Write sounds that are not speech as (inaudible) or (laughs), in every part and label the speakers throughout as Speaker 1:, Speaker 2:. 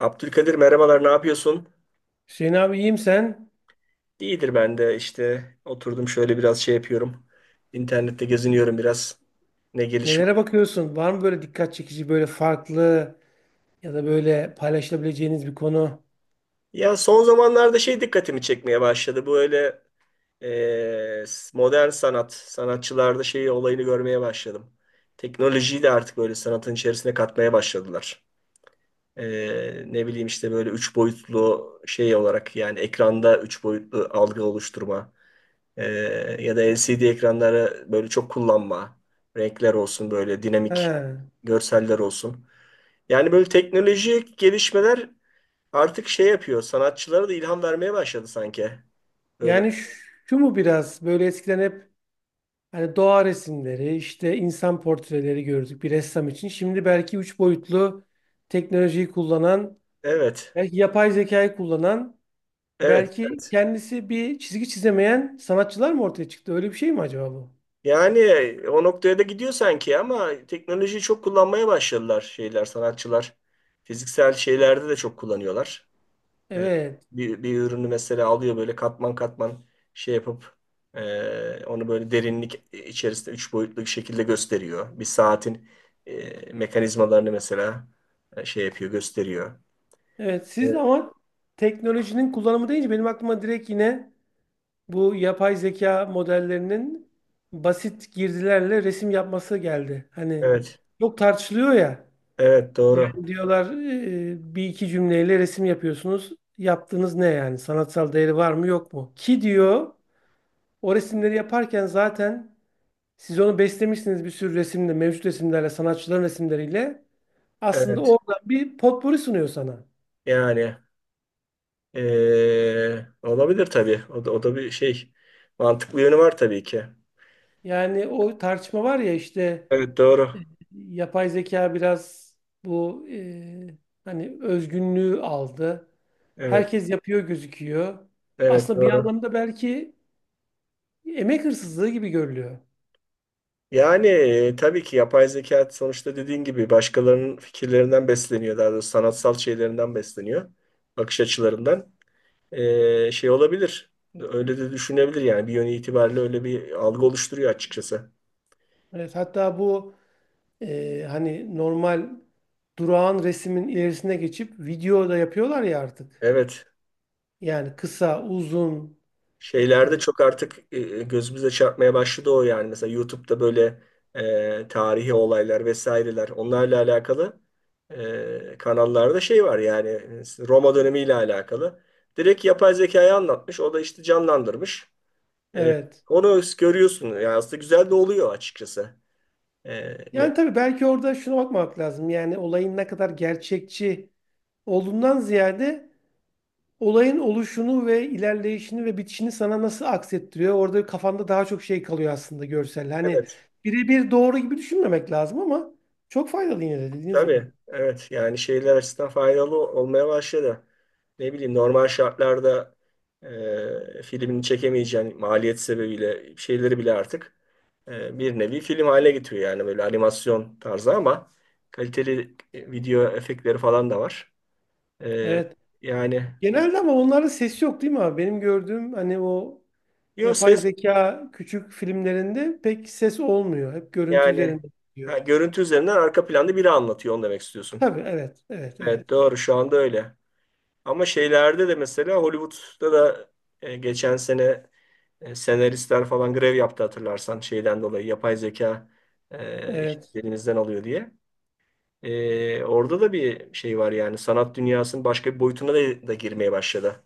Speaker 1: Abdülkadir merhabalar, ne yapıyorsun?
Speaker 2: Hüseyin abi, iyiyim sen.
Speaker 1: İyidir, ben de işte oturdum şöyle biraz yapıyorum. İnternette geziniyorum biraz. Ne gelişme.
Speaker 2: Nelere bakıyorsun? Var mı böyle dikkat çekici, böyle farklı ya da böyle paylaşılabileceğiniz bir konu?
Speaker 1: Ya son zamanlarda dikkatimi çekmeye başladı. Bu öyle e, modern sanat, sanatçılarda olayını görmeye başladım. Teknolojiyi de artık böyle sanatın içerisine katmaya başladılar. Ne bileyim işte böyle üç boyutlu olarak, yani ekranda üç boyutlu algı oluşturma. Ee, Ya da LCD ekranları böyle çok kullanma. Renkler olsun böyle dinamik,
Speaker 2: He.
Speaker 1: görseller olsun. Yani böyle teknolojik gelişmeler artık yapıyor. Sanatçılara da ilham vermeye başladı sanki. Böyle
Speaker 2: Yani şu, şu mu biraz böyle eskiden hep hani doğa resimleri, işte insan portreleri gördük bir ressam için. Şimdi belki üç boyutlu teknolojiyi kullanan,
Speaker 1: evet.
Speaker 2: belki yapay zekayı kullanan,
Speaker 1: Evet,
Speaker 2: belki
Speaker 1: evet.
Speaker 2: kendisi bir çizgi çizemeyen sanatçılar mı ortaya çıktı? Öyle bir şey mi acaba bu?
Speaker 1: Yani o noktaya da gidiyor sanki, ama teknolojiyi çok kullanmaya başladılar sanatçılar. Fiziksel şeylerde de çok kullanıyorlar. E,
Speaker 2: Evet.
Speaker 1: bir ürünü mesela alıyor, böyle katman katman yapıp, onu böyle derinlik içerisinde üç boyutlu bir şekilde gösteriyor. Bir saatin mekanizmalarını mesela yapıyor, gösteriyor.
Speaker 2: Evet siz
Speaker 1: Evet,
Speaker 2: ama teknolojinin kullanımı deyince benim aklıma direkt yine bu yapay zeka modellerinin basit girdilerle resim yapması geldi. Hani
Speaker 1: evet,
Speaker 2: çok tartışılıyor ya.
Speaker 1: evet, doğru.
Speaker 2: Yani diyorlar bir iki cümleyle resim yapıyorsunuz. Yaptığınız ne yani? Sanatsal değeri var mı yok mu? Ki diyor o resimleri yaparken zaten siz onu beslemişsiniz bir sürü resimle, mevcut resimlerle, sanatçıların resimleriyle. Aslında
Speaker 1: Evet,
Speaker 2: orada bir potpuri sunuyor sana.
Speaker 1: yani olabilir tabii. O da bir şey. Mantıklı yönü var tabii ki.
Speaker 2: Yani o tartışma var ya işte
Speaker 1: Evet, doğru.
Speaker 2: yapay zeka biraz bu hani özgünlüğü aldı.
Speaker 1: Evet,
Speaker 2: Herkes yapıyor gözüküyor.
Speaker 1: evet,
Speaker 2: Aslında bir
Speaker 1: doğru.
Speaker 2: anlamda belki emek hırsızlığı gibi görülüyor.
Speaker 1: Yani tabii ki yapay zeka sonuçta dediğin gibi başkalarının fikirlerinden besleniyor. Daha doğrusu sanatsal şeylerinden besleniyor. Bakış açılarından. Olabilir. Öyle de düşünebilir yani. Bir yönü itibariyle öyle bir algı oluşturuyor açıkçası.
Speaker 2: Evet, hatta bu hani normal durağan resmin ilerisine geçip video da yapıyorlar ya artık.
Speaker 1: Evet.
Speaker 2: Yani kısa, uzun.
Speaker 1: Şeylerde
Speaker 2: e,
Speaker 1: çok artık gözümüze çarpmaya başladı o yani. Mesela YouTube'da böyle tarihi olaylar vesaireler, onlarla alakalı kanallarda var yani, Roma dönemiyle alakalı. Direkt yapay zekayı anlatmış. O da işte canlandırmış. E,
Speaker 2: evet.
Speaker 1: onu görüyorsun. Yani aslında güzel de oluyor açıkçası. E, me-
Speaker 2: Yani tabii belki orada şuna bakmak lazım. Yani olayın ne kadar gerçekçi olduğundan ziyade olayın oluşunu ve ilerleyişini ve bitişini sana nasıl aksettiriyor? Orada kafanda daha çok şey kalıyor aslında görsel. Hani
Speaker 1: evet.
Speaker 2: birebir doğru gibi düşünmemek lazım ama çok faydalı yine de dediğiniz gibi.
Speaker 1: Tabii, evet. Yani şeyler açısından faydalı olmaya başladı. Ne bileyim, normal şartlarda filmini çekemeyeceğin maliyet sebebiyle şeyleri bile artık bir nevi film haline getiriyor, yani böyle animasyon tarzı ama kaliteli video efektleri falan da var. E,
Speaker 2: Evet.
Speaker 1: yani
Speaker 2: Genelde ama onlarda ses yok değil mi abi? Benim gördüğüm hani o
Speaker 1: yo,
Speaker 2: yapay
Speaker 1: ses
Speaker 2: zeka küçük filmlerinde pek ses olmuyor. Hep görüntü
Speaker 1: yani.
Speaker 2: üzerinde
Speaker 1: Ha,
Speaker 2: gidiyor.
Speaker 1: görüntü üzerinden arka planda biri anlatıyor, onu demek istiyorsun.
Speaker 2: Tabii evet. Evet. Evet.
Speaker 1: Evet, doğru, şu anda öyle. Ama şeylerde de mesela Hollywood'da da geçen sene senaristler falan grev yaptı, hatırlarsan, şeyden dolayı yapay zeka
Speaker 2: Evet.
Speaker 1: işimizi elimizden alıyor diye. Orada da bir şey var, yani sanat dünyasının başka bir boyutuna da girmeye başladı.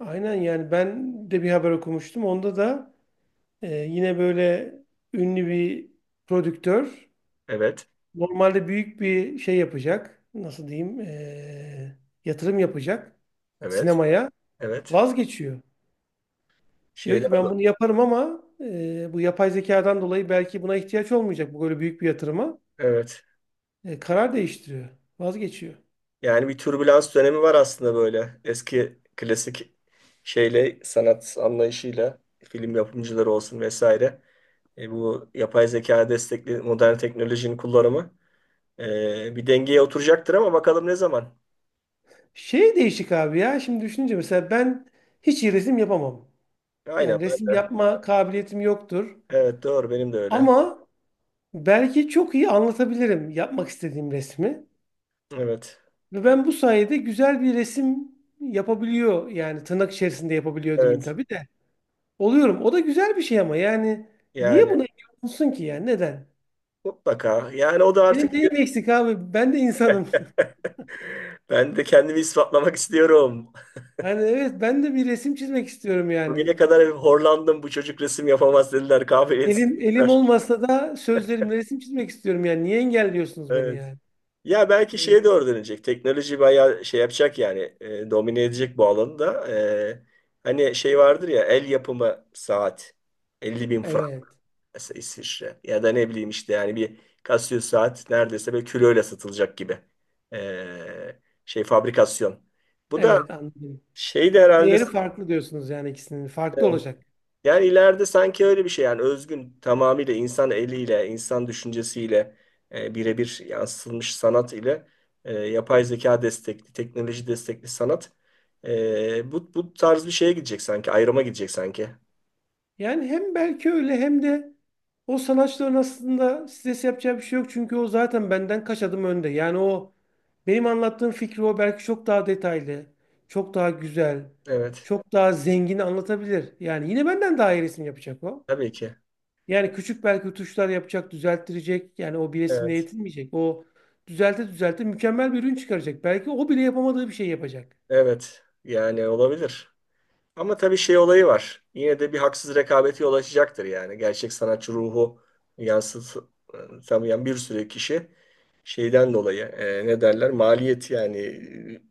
Speaker 2: Aynen yani ben de bir haber okumuştum. Onda da yine böyle ünlü bir prodüktör
Speaker 1: Evet,
Speaker 2: normalde büyük bir şey yapacak. Nasıl diyeyim? Yatırım yapacak
Speaker 1: evet,
Speaker 2: sinemaya.
Speaker 1: evet.
Speaker 2: Vazgeçiyor. Diyor
Speaker 1: Şeyden
Speaker 2: ki ben bunu
Speaker 1: dolayı.
Speaker 2: yaparım ama bu yapay zekadan dolayı belki buna ihtiyaç olmayacak bu böyle büyük bir yatırıma.
Speaker 1: Evet.
Speaker 2: Karar değiştiriyor. Vazgeçiyor.
Speaker 1: Yani bir türbülans dönemi var aslında, böyle eski klasik sanat anlayışıyla film yapımcıları olsun vesaire. Bu yapay zeka destekli modern teknolojinin kullanımı bir dengeye oturacaktır, ama bakalım ne zaman.
Speaker 2: Şey değişik abi ya. Şimdi düşününce mesela ben hiç iyi resim yapamam.
Speaker 1: Aynen,
Speaker 2: Yani
Speaker 1: ben
Speaker 2: resim
Speaker 1: de.
Speaker 2: yapma kabiliyetim yoktur.
Speaker 1: Evet, doğru, benim de öyle.
Speaker 2: Ama belki çok iyi anlatabilirim yapmak istediğim resmi.
Speaker 1: Evet.
Speaker 2: Ve ben bu sayede güzel bir resim yapabiliyor, yani tırnak içerisinde yapabiliyor diyeyim
Speaker 1: Evet.
Speaker 2: tabii de. Oluyorum. O da güzel bir şey ama yani niye
Speaker 1: Yani
Speaker 2: buna engel olunsun ki, yani neden?
Speaker 1: mutlaka. Yani o da
Speaker 2: Benim
Speaker 1: artık
Speaker 2: neyim
Speaker 1: bir-
Speaker 2: eksik abi? Ben de insanım. (laughs)
Speaker 1: (laughs) ben de kendimi ispatlamak istiyorum.
Speaker 2: Yani evet ben de bir resim çizmek istiyorum yani.
Speaker 1: Bugüne kadar hep horlandım, bu çocuk resim yapamaz dediler. Kabiliyetsiz
Speaker 2: Elim
Speaker 1: dediler.
Speaker 2: olmasa da sözlerimle resim çizmek istiyorum yani. Niye engelliyorsunuz beni
Speaker 1: Evet.
Speaker 2: yani?
Speaker 1: Ya belki
Speaker 2: Evet.
Speaker 1: şeye doğru dönecek. Teknoloji bayağı şey yapacak yani. Domine edecek bu alanı da. Hani şey vardır ya, el yapımı saat. 50.000 frank
Speaker 2: Evet,
Speaker 1: mesela, İsviçre. Ya da ne bileyim işte, yani bir Casio saat neredeyse böyle kiloyla satılacak gibi. E, şey fabrikasyon. Bu da
Speaker 2: evet anladım.
Speaker 1: şey de herhalde
Speaker 2: Değeri farklı diyorsunuz yani ikisinin.
Speaker 1: e,
Speaker 2: Farklı olacak.
Speaker 1: yani ileride sanki öyle bir şey, yani özgün tamamıyla insan eliyle, insan düşüncesiyle birebir yansıtılmış sanat ile yapay zeka destekli, teknoloji destekli sanat bu tarz bir şeye gidecek sanki, ayrıma gidecek sanki.
Speaker 2: Yani hem belki öyle hem de o sanatçıların aslında stres yapacağı bir şey yok. Çünkü o zaten benden kaç adım önde. Yani o benim anlattığım fikri o belki çok daha detaylı, çok daha güzel,
Speaker 1: Evet,
Speaker 2: çok daha zengin anlatabilir. Yani yine benden daha iyi resim yapacak o.
Speaker 1: tabii ki.
Speaker 2: Yani küçük belki tuşlar yapacak, düzelttirecek. Yani o bir resimle
Speaker 1: Evet,
Speaker 2: yetinmeyecek. O düzelte düzelte mükemmel bir ürün çıkaracak. Belki o bile yapamadığı bir şey yapacak.
Speaker 1: evet, yani olabilir. Ama tabii şey olayı var. Yine de bir haksız rekabeti yol açacaktır yani. Gerçek sanatçı ruhu yansıtamayan bir sürü kişi şeyden dolayı, ne derler, maliyet yani,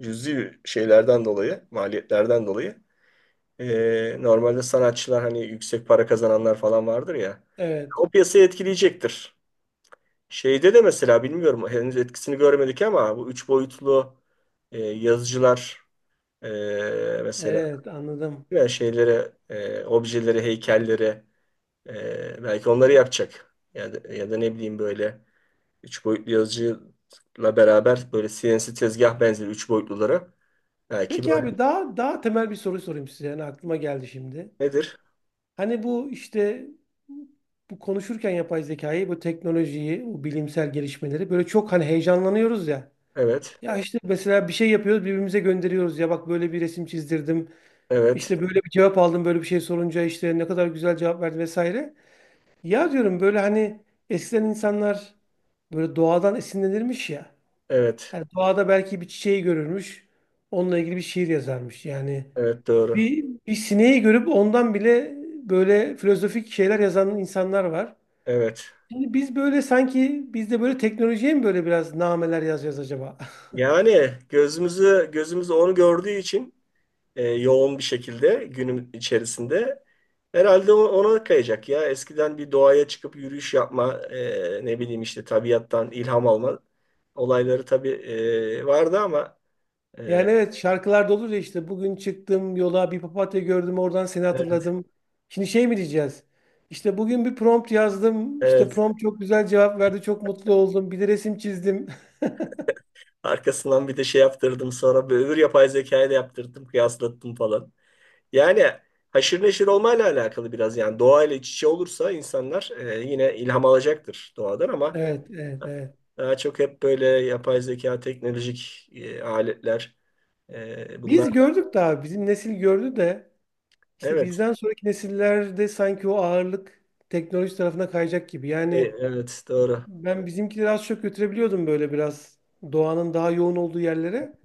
Speaker 1: cüzi şeylerden dolayı, maliyetlerden dolayı normalde sanatçılar, hani yüksek para kazananlar falan vardır ya,
Speaker 2: Evet,
Speaker 1: o piyasayı etkileyecektir. Şeyde de mesela, bilmiyorum, henüz etkisini görmedik ama bu üç boyutlu yazıcılar, e, mesela
Speaker 2: evet anladım.
Speaker 1: veya şeylere, objelere, heykellere, belki onları yapacak. Ya da ne bileyim, böyle üç boyutlu yazıcıyla beraber böyle CNC tezgah benzeri üç boyutlulara belki
Speaker 2: Peki
Speaker 1: böyle
Speaker 2: abi, daha daha temel bir soru sorayım size. Yani aklıma geldi şimdi.
Speaker 1: nedir?
Speaker 2: Hani bu işte bu konuşurken yapay zekayı, bu teknolojiyi, bu bilimsel gelişmeleri böyle çok hani heyecanlanıyoruz ya.
Speaker 1: Evet,
Speaker 2: Ya işte mesela bir şey yapıyoruz, birbirimize gönderiyoruz. Ya bak, böyle bir resim çizdirdim.
Speaker 1: evet,
Speaker 2: İşte böyle bir cevap aldım, böyle bir şey sorunca işte ne kadar güzel cevap verdi vesaire. Ya diyorum böyle hani eskiden insanlar böyle doğadan esinlenirmiş ya.
Speaker 1: evet,
Speaker 2: Hani doğada belki bir çiçeği görürmüş. Onunla ilgili bir şiir yazarmış. Yani
Speaker 1: evet, doğru.
Speaker 2: bir sineği görüp ondan bile böyle filozofik şeyler yazan insanlar var.
Speaker 1: Evet.
Speaker 2: Şimdi biz böyle sanki biz de böyle teknolojiye mi böyle biraz nameler yazacağız acaba? (laughs)
Speaker 1: Yani gözümüz onu gördüğü için yoğun bir şekilde günüm içerisinde. Herhalde o- ona kayacak ya. Eskiden bir doğaya çıkıp yürüyüş yapma, ne bileyim işte tabiattan ilham alma olayları tabii vardı ama e,
Speaker 2: Yani evet, şarkılarda olur ya işte bugün çıktım yola, bir papatya gördüm, oradan seni
Speaker 1: evet,
Speaker 2: hatırladım. Şimdi şey mi diyeceğiz? İşte bugün bir prompt yazdım. İşte
Speaker 1: evet.
Speaker 2: prompt çok güzel cevap verdi. Çok mutlu oldum. Bir de resim çizdim.
Speaker 1: Arkasından bir de şey yaptırdım, sonra bir öbür yapay zekayla yaptırdım, kıyaslattım falan. Yani haşır neşir olmayla alakalı biraz, yani doğayla iç içe olursa insanlar yine ilham alacaktır doğadan
Speaker 2: (laughs)
Speaker 1: ama
Speaker 2: Evet, evet, evet.
Speaker 1: daha çok hep böyle yapay zeka, teknolojik aletler. Bunlar
Speaker 2: Biz gördük daha. Bizim nesil gördü de. İşte
Speaker 1: evet.
Speaker 2: bizden sonraki nesillerde sanki o ağırlık teknoloji tarafına kayacak gibi. Yani
Speaker 1: Evet, doğru.
Speaker 2: ben bizimkileri az çok götürebiliyordum böyle biraz doğanın daha yoğun olduğu yerlere.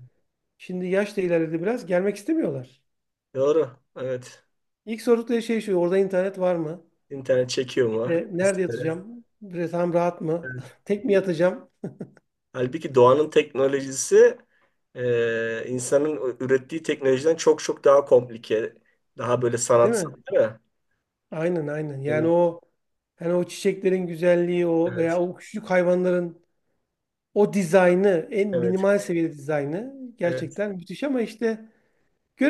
Speaker 2: Şimdi yaş da ilerledi biraz. Gelmek istemiyorlar.
Speaker 1: Doğru. Evet.
Speaker 2: İlk sordukları şey şu. Orada internet var mı?
Speaker 1: İnternet çekiyor mu?
Speaker 2: İşte nerede
Speaker 1: Vesaire.
Speaker 2: yatacağım? Tam rahat mı?
Speaker 1: Evet.
Speaker 2: (laughs) Tek mi yatacağım?
Speaker 1: Halbuki doğanın teknolojisi insanın ürettiği teknolojiden çok çok daha komplike. Daha böyle
Speaker 2: Değil
Speaker 1: sanatsal
Speaker 2: mi?
Speaker 1: değil mi?
Speaker 2: Aynen aynen. Yani
Speaker 1: Emin-
Speaker 2: o hani o çiçeklerin güzelliği o veya
Speaker 1: Evet.
Speaker 2: o küçük hayvanların o dizaynı, en
Speaker 1: Evet.
Speaker 2: minimal seviyede dizaynı
Speaker 1: Evet.
Speaker 2: gerçekten müthiş ama işte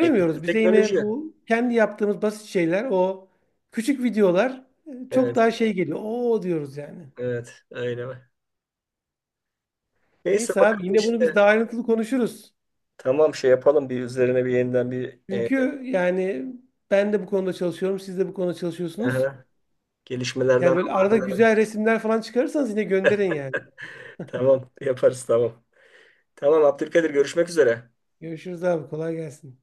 Speaker 1: E,
Speaker 2: Bize
Speaker 1: teknoloji.
Speaker 2: yine bu kendi yaptığımız basit şeyler, o küçük videolar çok
Speaker 1: Evet.
Speaker 2: daha şey geliyor. Oo diyoruz yani.
Speaker 1: Evet. Öyle. Neyse,
Speaker 2: Neyse abi,
Speaker 1: bakalım
Speaker 2: yine bunu biz
Speaker 1: işte.
Speaker 2: daha ayrıntılı konuşuruz.
Speaker 1: Tamam, şey yapalım, bir üzerine bir yeniden bir
Speaker 2: Çünkü yani ben de bu konuda çalışıyorum, siz de bu konuda çalışıyorsunuz.
Speaker 1: aha,
Speaker 2: Yani
Speaker 1: gelişmelerden
Speaker 2: böyle arada
Speaker 1: haberdarım.
Speaker 2: güzel resimler falan çıkarırsanız yine gönderin yani.
Speaker 1: (laughs) Tamam, yaparız, tamam. Tamam Abdülkadir, görüşmek üzere.
Speaker 2: Görüşürüz abi, kolay gelsin.